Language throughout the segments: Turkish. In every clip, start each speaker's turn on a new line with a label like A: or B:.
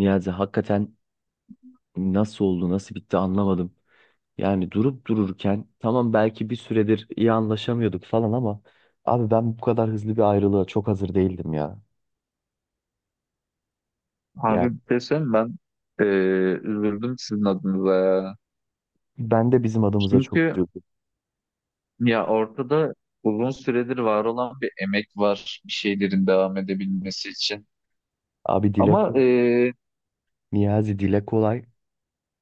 A: Niyazi hakikaten nasıl oldu, nasıl bitti anlamadım. Yani durup dururken tamam belki bir süredir iyi anlaşamıyorduk falan, ama abi ben bu kadar hızlı bir ayrılığa çok hazır değildim ya. Yani
B: Abi bir şey söyleyeyim mi? Ben eee, üzüldüm sizin adınıza ya.
A: ben de bizim adımıza çok
B: Çünkü
A: üzüldüm.
B: ya ortada uzun süredir var olan bir emek var bir şeylerin devam edebilmesi için.
A: Abi, dile
B: Ama
A: kolay. Niyazi, dile kolay.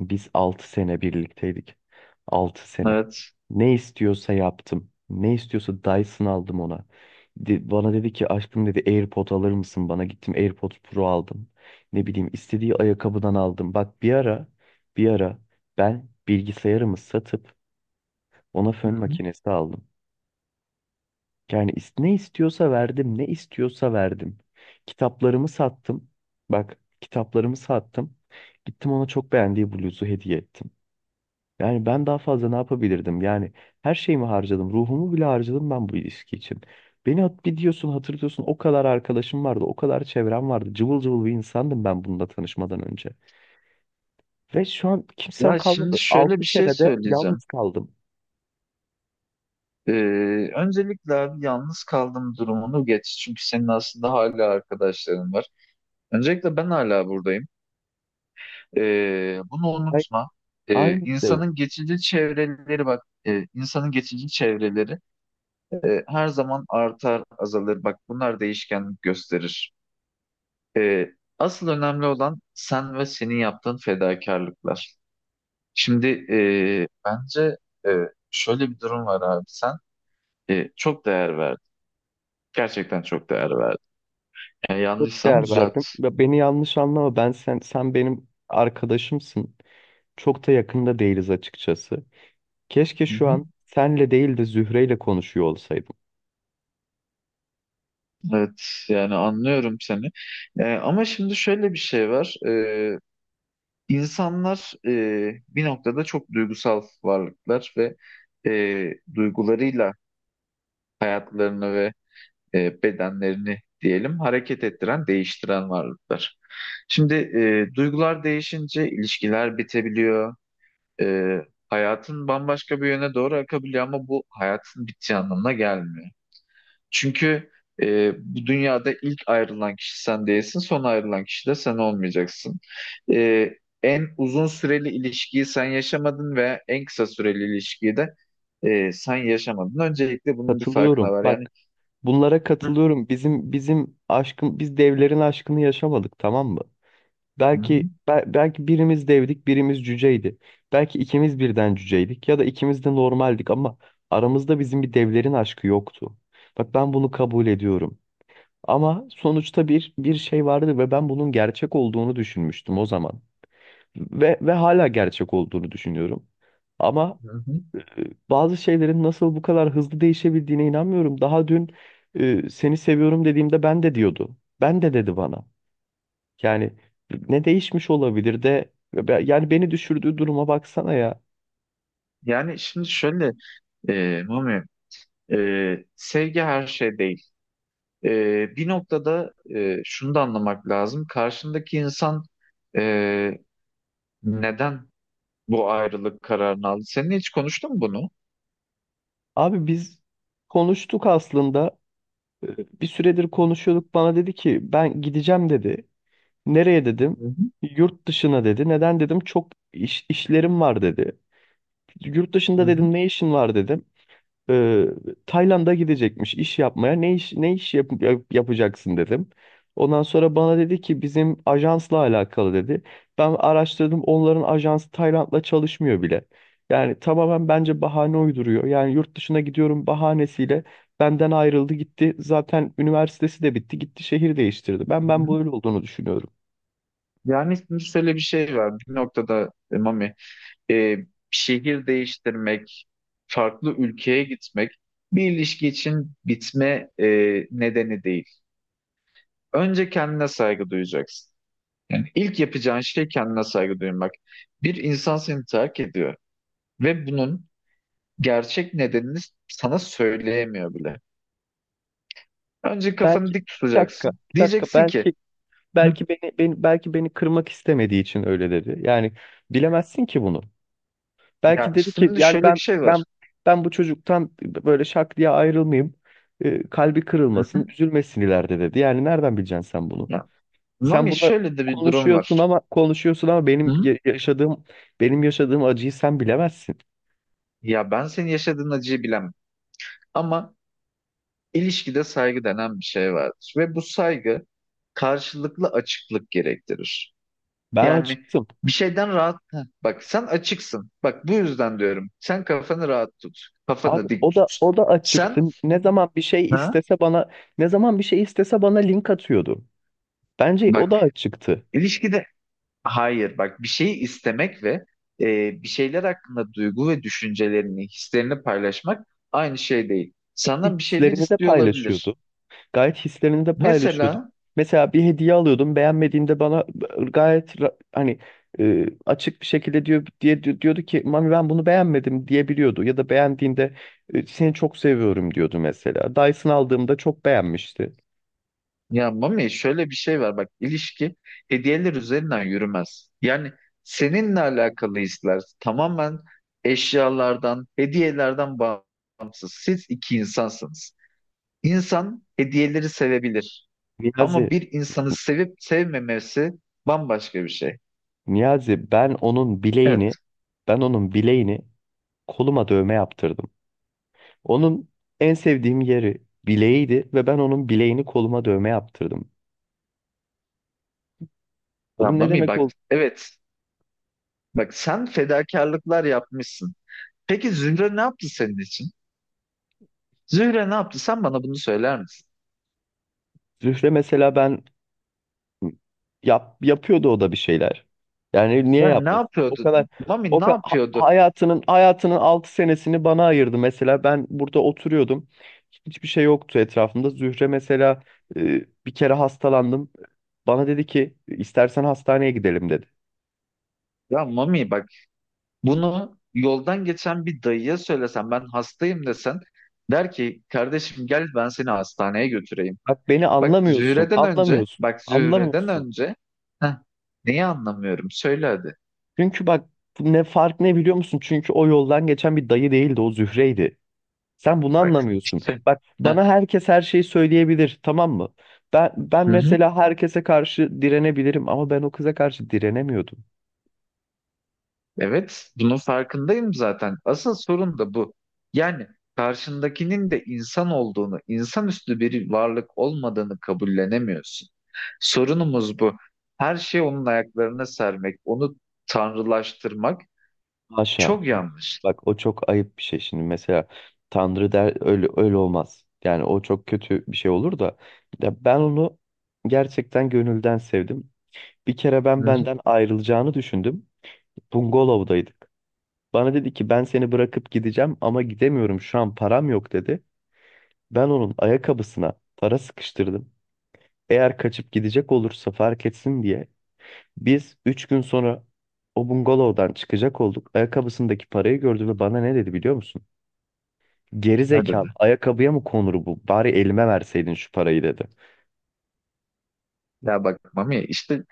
A: Biz 6 sene birlikteydik. 6 sene.
B: evet.
A: Ne istiyorsa yaptım. Ne istiyorsa Dyson aldım ona. Bana dedi ki aşkım dedi, AirPod alır mısın bana? Gittim, AirPod Pro aldım. Ne bileyim, istediği ayakkabıdan aldım. Bak, bir ara ben bilgisayarımı satıp ona
B: Hı
A: fön
B: hı.
A: makinesi aldım. Yani ne istiyorsa verdim, ne istiyorsa verdim. Kitaplarımı sattım. Bak, kitaplarımı sattım. Gittim, ona çok beğendiği bluzu hediye ettim. Yani ben daha fazla ne yapabilirdim? Yani her şeyimi harcadım. Ruhumu bile harcadım ben bu ilişki için. Beni bir diyorsun, hatırlıyorsun, o kadar arkadaşım vardı. O kadar çevrem vardı. Cıvıl cıvıl bir insandım ben bununla tanışmadan önce. Ve şu an kimsem
B: Ya şimdi
A: kalmadı.
B: şöyle
A: 6
B: bir şey
A: senede
B: söyleyeceğim.
A: yalnız kaldım.
B: Öncelikle abi yalnız kaldığım durumunu geç. Çünkü senin aslında hala arkadaşların var. Öncelikle ben hala buradayım. Bunu
A: Ay,
B: unutma.
A: aynı şey.
B: İnsanın geçici çevreleri bak. İnsanın geçici çevreleri her zaman artar, azalır. Bak bunlar değişkenlik gösterir. E, Asıl önemli olan sen ve senin yaptığın fedakarlıklar. Şimdi bence e, şöyle bir durum var abi. Sen çok değer verdin. Gerçekten çok değer verdin. Yani
A: Çok
B: yanlışsam
A: değer
B: düzelt.
A: verdim. Ve beni yanlış anlama. Ben sen benim arkadaşımsın. Çok da yakında değiliz açıkçası. Keşke
B: Hı
A: şu
B: hı.
A: an senle değil de Zühre'yle konuşuyor olsaydım.
B: Evet, yani anlıyorum seni. Ama şimdi şöyle bir şey var. İnsanlar bir noktada çok duygusal varlıklar ve duygularıyla hayatlarını ve bedenlerini diyelim hareket ettiren, değiştiren varlıklar. Şimdi duygular değişince ilişkiler bitebiliyor. E, Hayatın bambaşka bir yöne doğru akabiliyor ama bu hayatın bittiği anlamına gelmiyor. Çünkü bu dünyada ilk ayrılan kişi sen değilsin, son ayrılan kişi de sen olmayacaksın. E, En uzun süreli ilişkiyi sen yaşamadın ve en kısa süreli ilişkiyi de sen yaşamadın. Öncelikle bunun bir farkına
A: Katılıyorum.
B: var. Yani.
A: Bak, bunlara
B: Hı.
A: katılıyorum. Biz devlerin aşkını yaşamadık, tamam mı?
B: Hı hı,
A: Belki birimiz devdik, birimiz cüceydi. Belki ikimiz birden cüceydik ya da ikimiz de normaldik, ama aramızda bizim bir devlerin aşkı yoktu. Bak, ben bunu kabul ediyorum. Ama sonuçta bir şey vardı ve ben bunun gerçek olduğunu düşünmüştüm o zaman. Ve hala gerçek olduğunu düşünüyorum. Ama
B: hı hı.
A: bazı şeylerin nasıl bu kadar hızlı değişebildiğine inanmıyorum. Daha dün seni seviyorum dediğimde ben de diyordu. Ben de dedi bana. Yani ne değişmiş olabilir de yani beni düşürdüğü duruma baksana ya.
B: Yani şimdi şöyle Mami, sevgi her şey değil. Bir noktada şunu da anlamak lazım. Karşındaki insan e, neden bu ayrılık kararını aldı? Seninle hiç konuştun mu bunu?
A: Abi, biz konuştuk aslında. Bir süredir konuşuyorduk. Bana dedi ki ben gideceğim dedi. Nereye
B: Hı
A: dedim?
B: hı,
A: Yurt dışına dedi. Neden dedim? Çok iş, işlerim var dedi. Yurt dışında
B: hı hı,
A: dedim, ne işin var dedim. e, Tayland'a gidecekmiş iş yapmaya. Ne iş yapacaksın dedim. Ondan sonra bana dedi ki bizim ajansla alakalı dedi. Ben araştırdım, onların ajansı Tayland'la çalışmıyor bile. Yani tamamen bence bahane uyduruyor. Yani yurt dışına gidiyorum bahanesiyle benden ayrıldı, gitti. Zaten üniversitesi de bitti, gitti, şehir değiştirdi. Ben
B: hı
A: ben
B: hı.
A: böyle olduğunu düşünüyorum.
B: Yani şimdi şöyle bir şey var. Bir noktada Mami, e, şehir değiştirmek, farklı ülkeye gitmek bir ilişki için bitme nedeni değil. Önce kendine saygı duyacaksın. Yani ilk yapacağın şey kendine saygı duymak. Bir insan seni terk ediyor ve bunun gerçek nedenini sana söyleyemiyor bile. Önce kafanı
A: Belki,
B: dik
A: bir dakika,
B: tutacaksın.
A: bir dakika,
B: Diyeceksin
A: belki
B: ki. Hı.
A: belki beni, beni belki beni kırmak istemediği için öyle dedi. Yani bilemezsin ki bunu. Belki
B: Ya
A: dedi ki
B: şimdi
A: yani
B: şöyle bir şey var.
A: ben ben bu çocuktan böyle şak diye ayrılmayayım. Kalbi
B: Hı
A: kırılmasın,
B: hı.
A: üzülmesin ileride dedi. Yani nereden bileceksin sen bunu?
B: Ya,
A: Sen
B: Mami
A: burada
B: şöyle de bir durum
A: konuşuyorsun
B: var.
A: ama konuşuyorsun ama benim
B: Hı?
A: yaşadığım acıyı sen bilemezsin.
B: Ya ben senin yaşadığın acıyı bilemem. Ama ilişkide saygı denen bir şey vardır. Ve bu saygı karşılıklı açıklık gerektirir.
A: Ben
B: Yani
A: açıktım.
B: bir şeyden rahat. Heh, bak sen açıksın. Bak bu yüzden diyorum. Sen kafanı rahat tut.
A: Abi,
B: Kafanı dik
A: o da
B: tut.
A: o da açıktı.
B: Sen,
A: Ne zaman bir şey
B: ha?
A: istese bana ne zaman bir şey istese bana link atıyordu. Bence o
B: Bak
A: da açıktı.
B: ilişkide hayır bak bir şeyi istemek ve bir şeyler hakkında duygu ve düşüncelerini, hislerini paylaşmak aynı şey değil. Senden bir şeyler
A: Hislerini de
B: istiyor olabilir.
A: paylaşıyordu. Gayet hislerini de paylaşıyordu.
B: Mesela.
A: Mesela bir hediye alıyordum, beğenmediğinde bana gayet hani, açık bir şekilde diyordu ki, Mami ben bunu beğenmedim diyebiliyordu, ya da beğendiğinde seni çok seviyorum diyordu mesela. Dyson aldığımda çok beğenmişti.
B: Ya Mami, şöyle bir şey var, bak ilişki hediyeler üzerinden yürümez. Yani seninle alakalı hisler tamamen eşyalardan, hediyelerden bağımsız. Siz iki insansınız. İnsan hediyeleri sevebilir
A: Niyazi,
B: ama bir insanı sevip sevmemesi bambaşka bir şey.
A: Niyazi, ben onun
B: Evet.
A: bileğini ben onun bileğini koluma dövme yaptırdım. Onun en sevdiğim yeri bileğiydi ve ben onun bileğini koluma dövme yaptırdım.
B: Ya
A: Bunun ne
B: Mami,
A: demek
B: bak
A: oldu?
B: evet, bak sen fedakarlıklar yapmışsın. Peki Zühre ne yaptı senin için? Zühre ne yaptı? Sen bana bunu söyler misin?
A: Zühre mesela ben. Hı. Yapıyordu o da bir şeyler. Yani niye
B: Ben ne
A: yapmasın? O
B: yapıyordu?
A: kadar o
B: Mami ne
A: ka- ha-
B: yapıyordu?
A: hayatının hayatının 6 senesini bana ayırdı mesela. Ben burada oturuyordum. Hiçbir şey yoktu etrafımda. Zühre mesela, bir kere hastalandım. Bana dedi ki istersen hastaneye gidelim dedi.
B: Ya Mami bak, bunu yoldan geçen bir dayıya söylesen, ben hastayım desen, der ki kardeşim gel ben seni hastaneye götüreyim.
A: Bak, beni
B: Bak
A: anlamıyorsun,
B: Zühre'den önce,
A: anlamıyorsun,
B: bak Zühre'den
A: anlamıyorsun.
B: önce. Heh, neyi anlamıyorum söyle hadi.
A: Çünkü bak, ne biliyor musun? Çünkü o yoldan geçen bir dayı değildi, o Zühre'ydi. Sen bunu
B: Bak
A: anlamıyorsun.
B: işte.
A: Bak,
B: Heh,
A: bana herkes her şeyi söyleyebilir, tamam mı? Ben
B: hı hı.
A: mesela herkese karşı direnebilirim, ama ben o kıza karşı direnemiyordum.
B: Evet, bunun farkındayım zaten. Asıl sorun da bu. Yani karşındakinin de insan olduğunu, insanüstü bir varlık olmadığını kabullenemiyorsun. Sorunumuz bu. Her şeyi onun ayaklarına sermek, onu tanrılaştırmak
A: Haşa.
B: çok yanlış.
A: Bak, o çok ayıp bir şey şimdi, mesela Tanrı der, öyle olmaz. Yani o çok kötü bir şey olur da, ya ben onu gerçekten gönülden sevdim. Bir kere
B: Hı
A: ben
B: hı.
A: benden ayrılacağını düşündüm. Bungalov'daydık. Bana dedi ki ben seni bırakıp gideceğim ama gidemiyorum şu an, param yok dedi. Ben onun ayakkabısına para sıkıştırdım. Eğer kaçıp gidecek olursa fark etsin diye. Biz 3 gün sonra o bungalovdan çıkacak olduk. Ayakkabısındaki parayı gördü ve bana ne dedi biliyor musun? Geri
B: Ne dedi?
A: zekalı, ayakkabıya mı konur bu? Bari elime verseydin şu parayı dedi.
B: Ya bak Mami, işte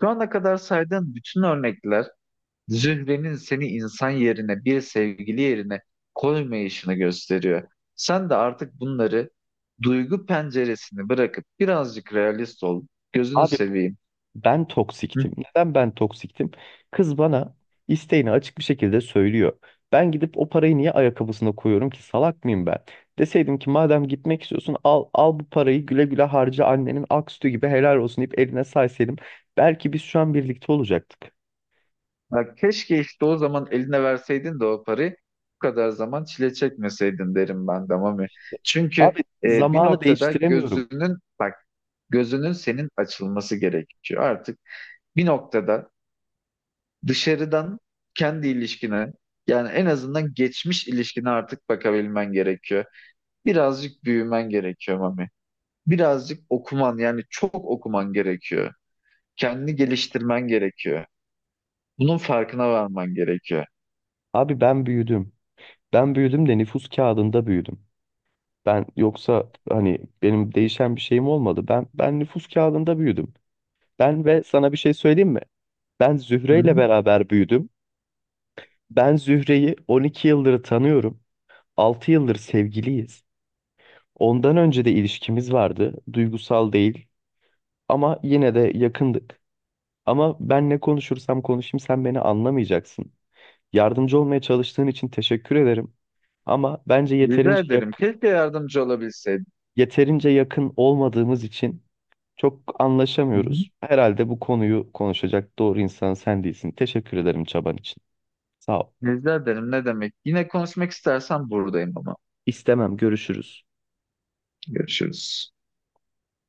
B: şu ana kadar saydığın bütün örnekler Zühre'nin seni insan yerine, bir sevgili yerine koymayışını gösteriyor. Sen de artık bunları duygu penceresini bırakıp birazcık realist ol. Gözünü
A: Abi,
B: seveyim.
A: ben
B: Hı.
A: toksiktim. Neden ben toksiktim? Kız bana isteğini açık bir şekilde söylüyor. Ben gidip o parayı niye ayakkabısına koyuyorum ki, salak mıyım ben? Deseydim ki madem gitmek istiyorsun, al al bu parayı, güle güle harca, annenin ak sütü gibi helal olsun, deyip eline saysaydım, belki biz şu an birlikte olacaktık.
B: Ya keşke işte o zaman eline verseydin de o parayı bu kadar zaman çile çekmeseydin derim ben de Mami. Çünkü
A: Abi,
B: bir
A: zamanı
B: noktada
A: değiştiremiyorum.
B: gözünün bak gözünün senin açılması gerekiyor. Artık bir noktada dışarıdan kendi ilişkine yani en azından geçmiş ilişkine artık bakabilmen gerekiyor. Birazcık büyümen gerekiyor Mami. Birazcık okuman, yani çok okuman gerekiyor. Kendini geliştirmen gerekiyor. Bunun farkına varman gerekiyor.
A: Abi, ben büyüdüm. Ben büyüdüm de nüfus kağıdında büyüdüm. Ben yoksa hani benim değişen bir şeyim olmadı. Ben nüfus kağıdında büyüdüm. Ve sana bir şey söyleyeyim mi? Ben
B: Hı
A: Zühre
B: hı.
A: ile beraber büyüdüm. Ben Zühre'yi 12 yıldır tanıyorum. 6 yıldır sevgiliyiz. Ondan önce de ilişkimiz vardı. Duygusal değil ama yine de yakındık. Ama ben ne konuşursam konuşayım sen beni anlamayacaksın. Yardımcı olmaya çalıştığın için teşekkür ederim. Ama bence
B: Rica ederim. Keşke yardımcı olabilseydim.
A: yeterince yakın olmadığımız için çok
B: Hı hı.
A: anlaşamıyoruz. Herhalde bu konuyu konuşacak doğru insan sen değilsin. Teşekkür ederim çaban için. Sağ ol.
B: Rica ederim. Ne demek? Yine konuşmak istersen buradayım ama.
A: İstemem, görüşürüz.
B: Görüşürüz.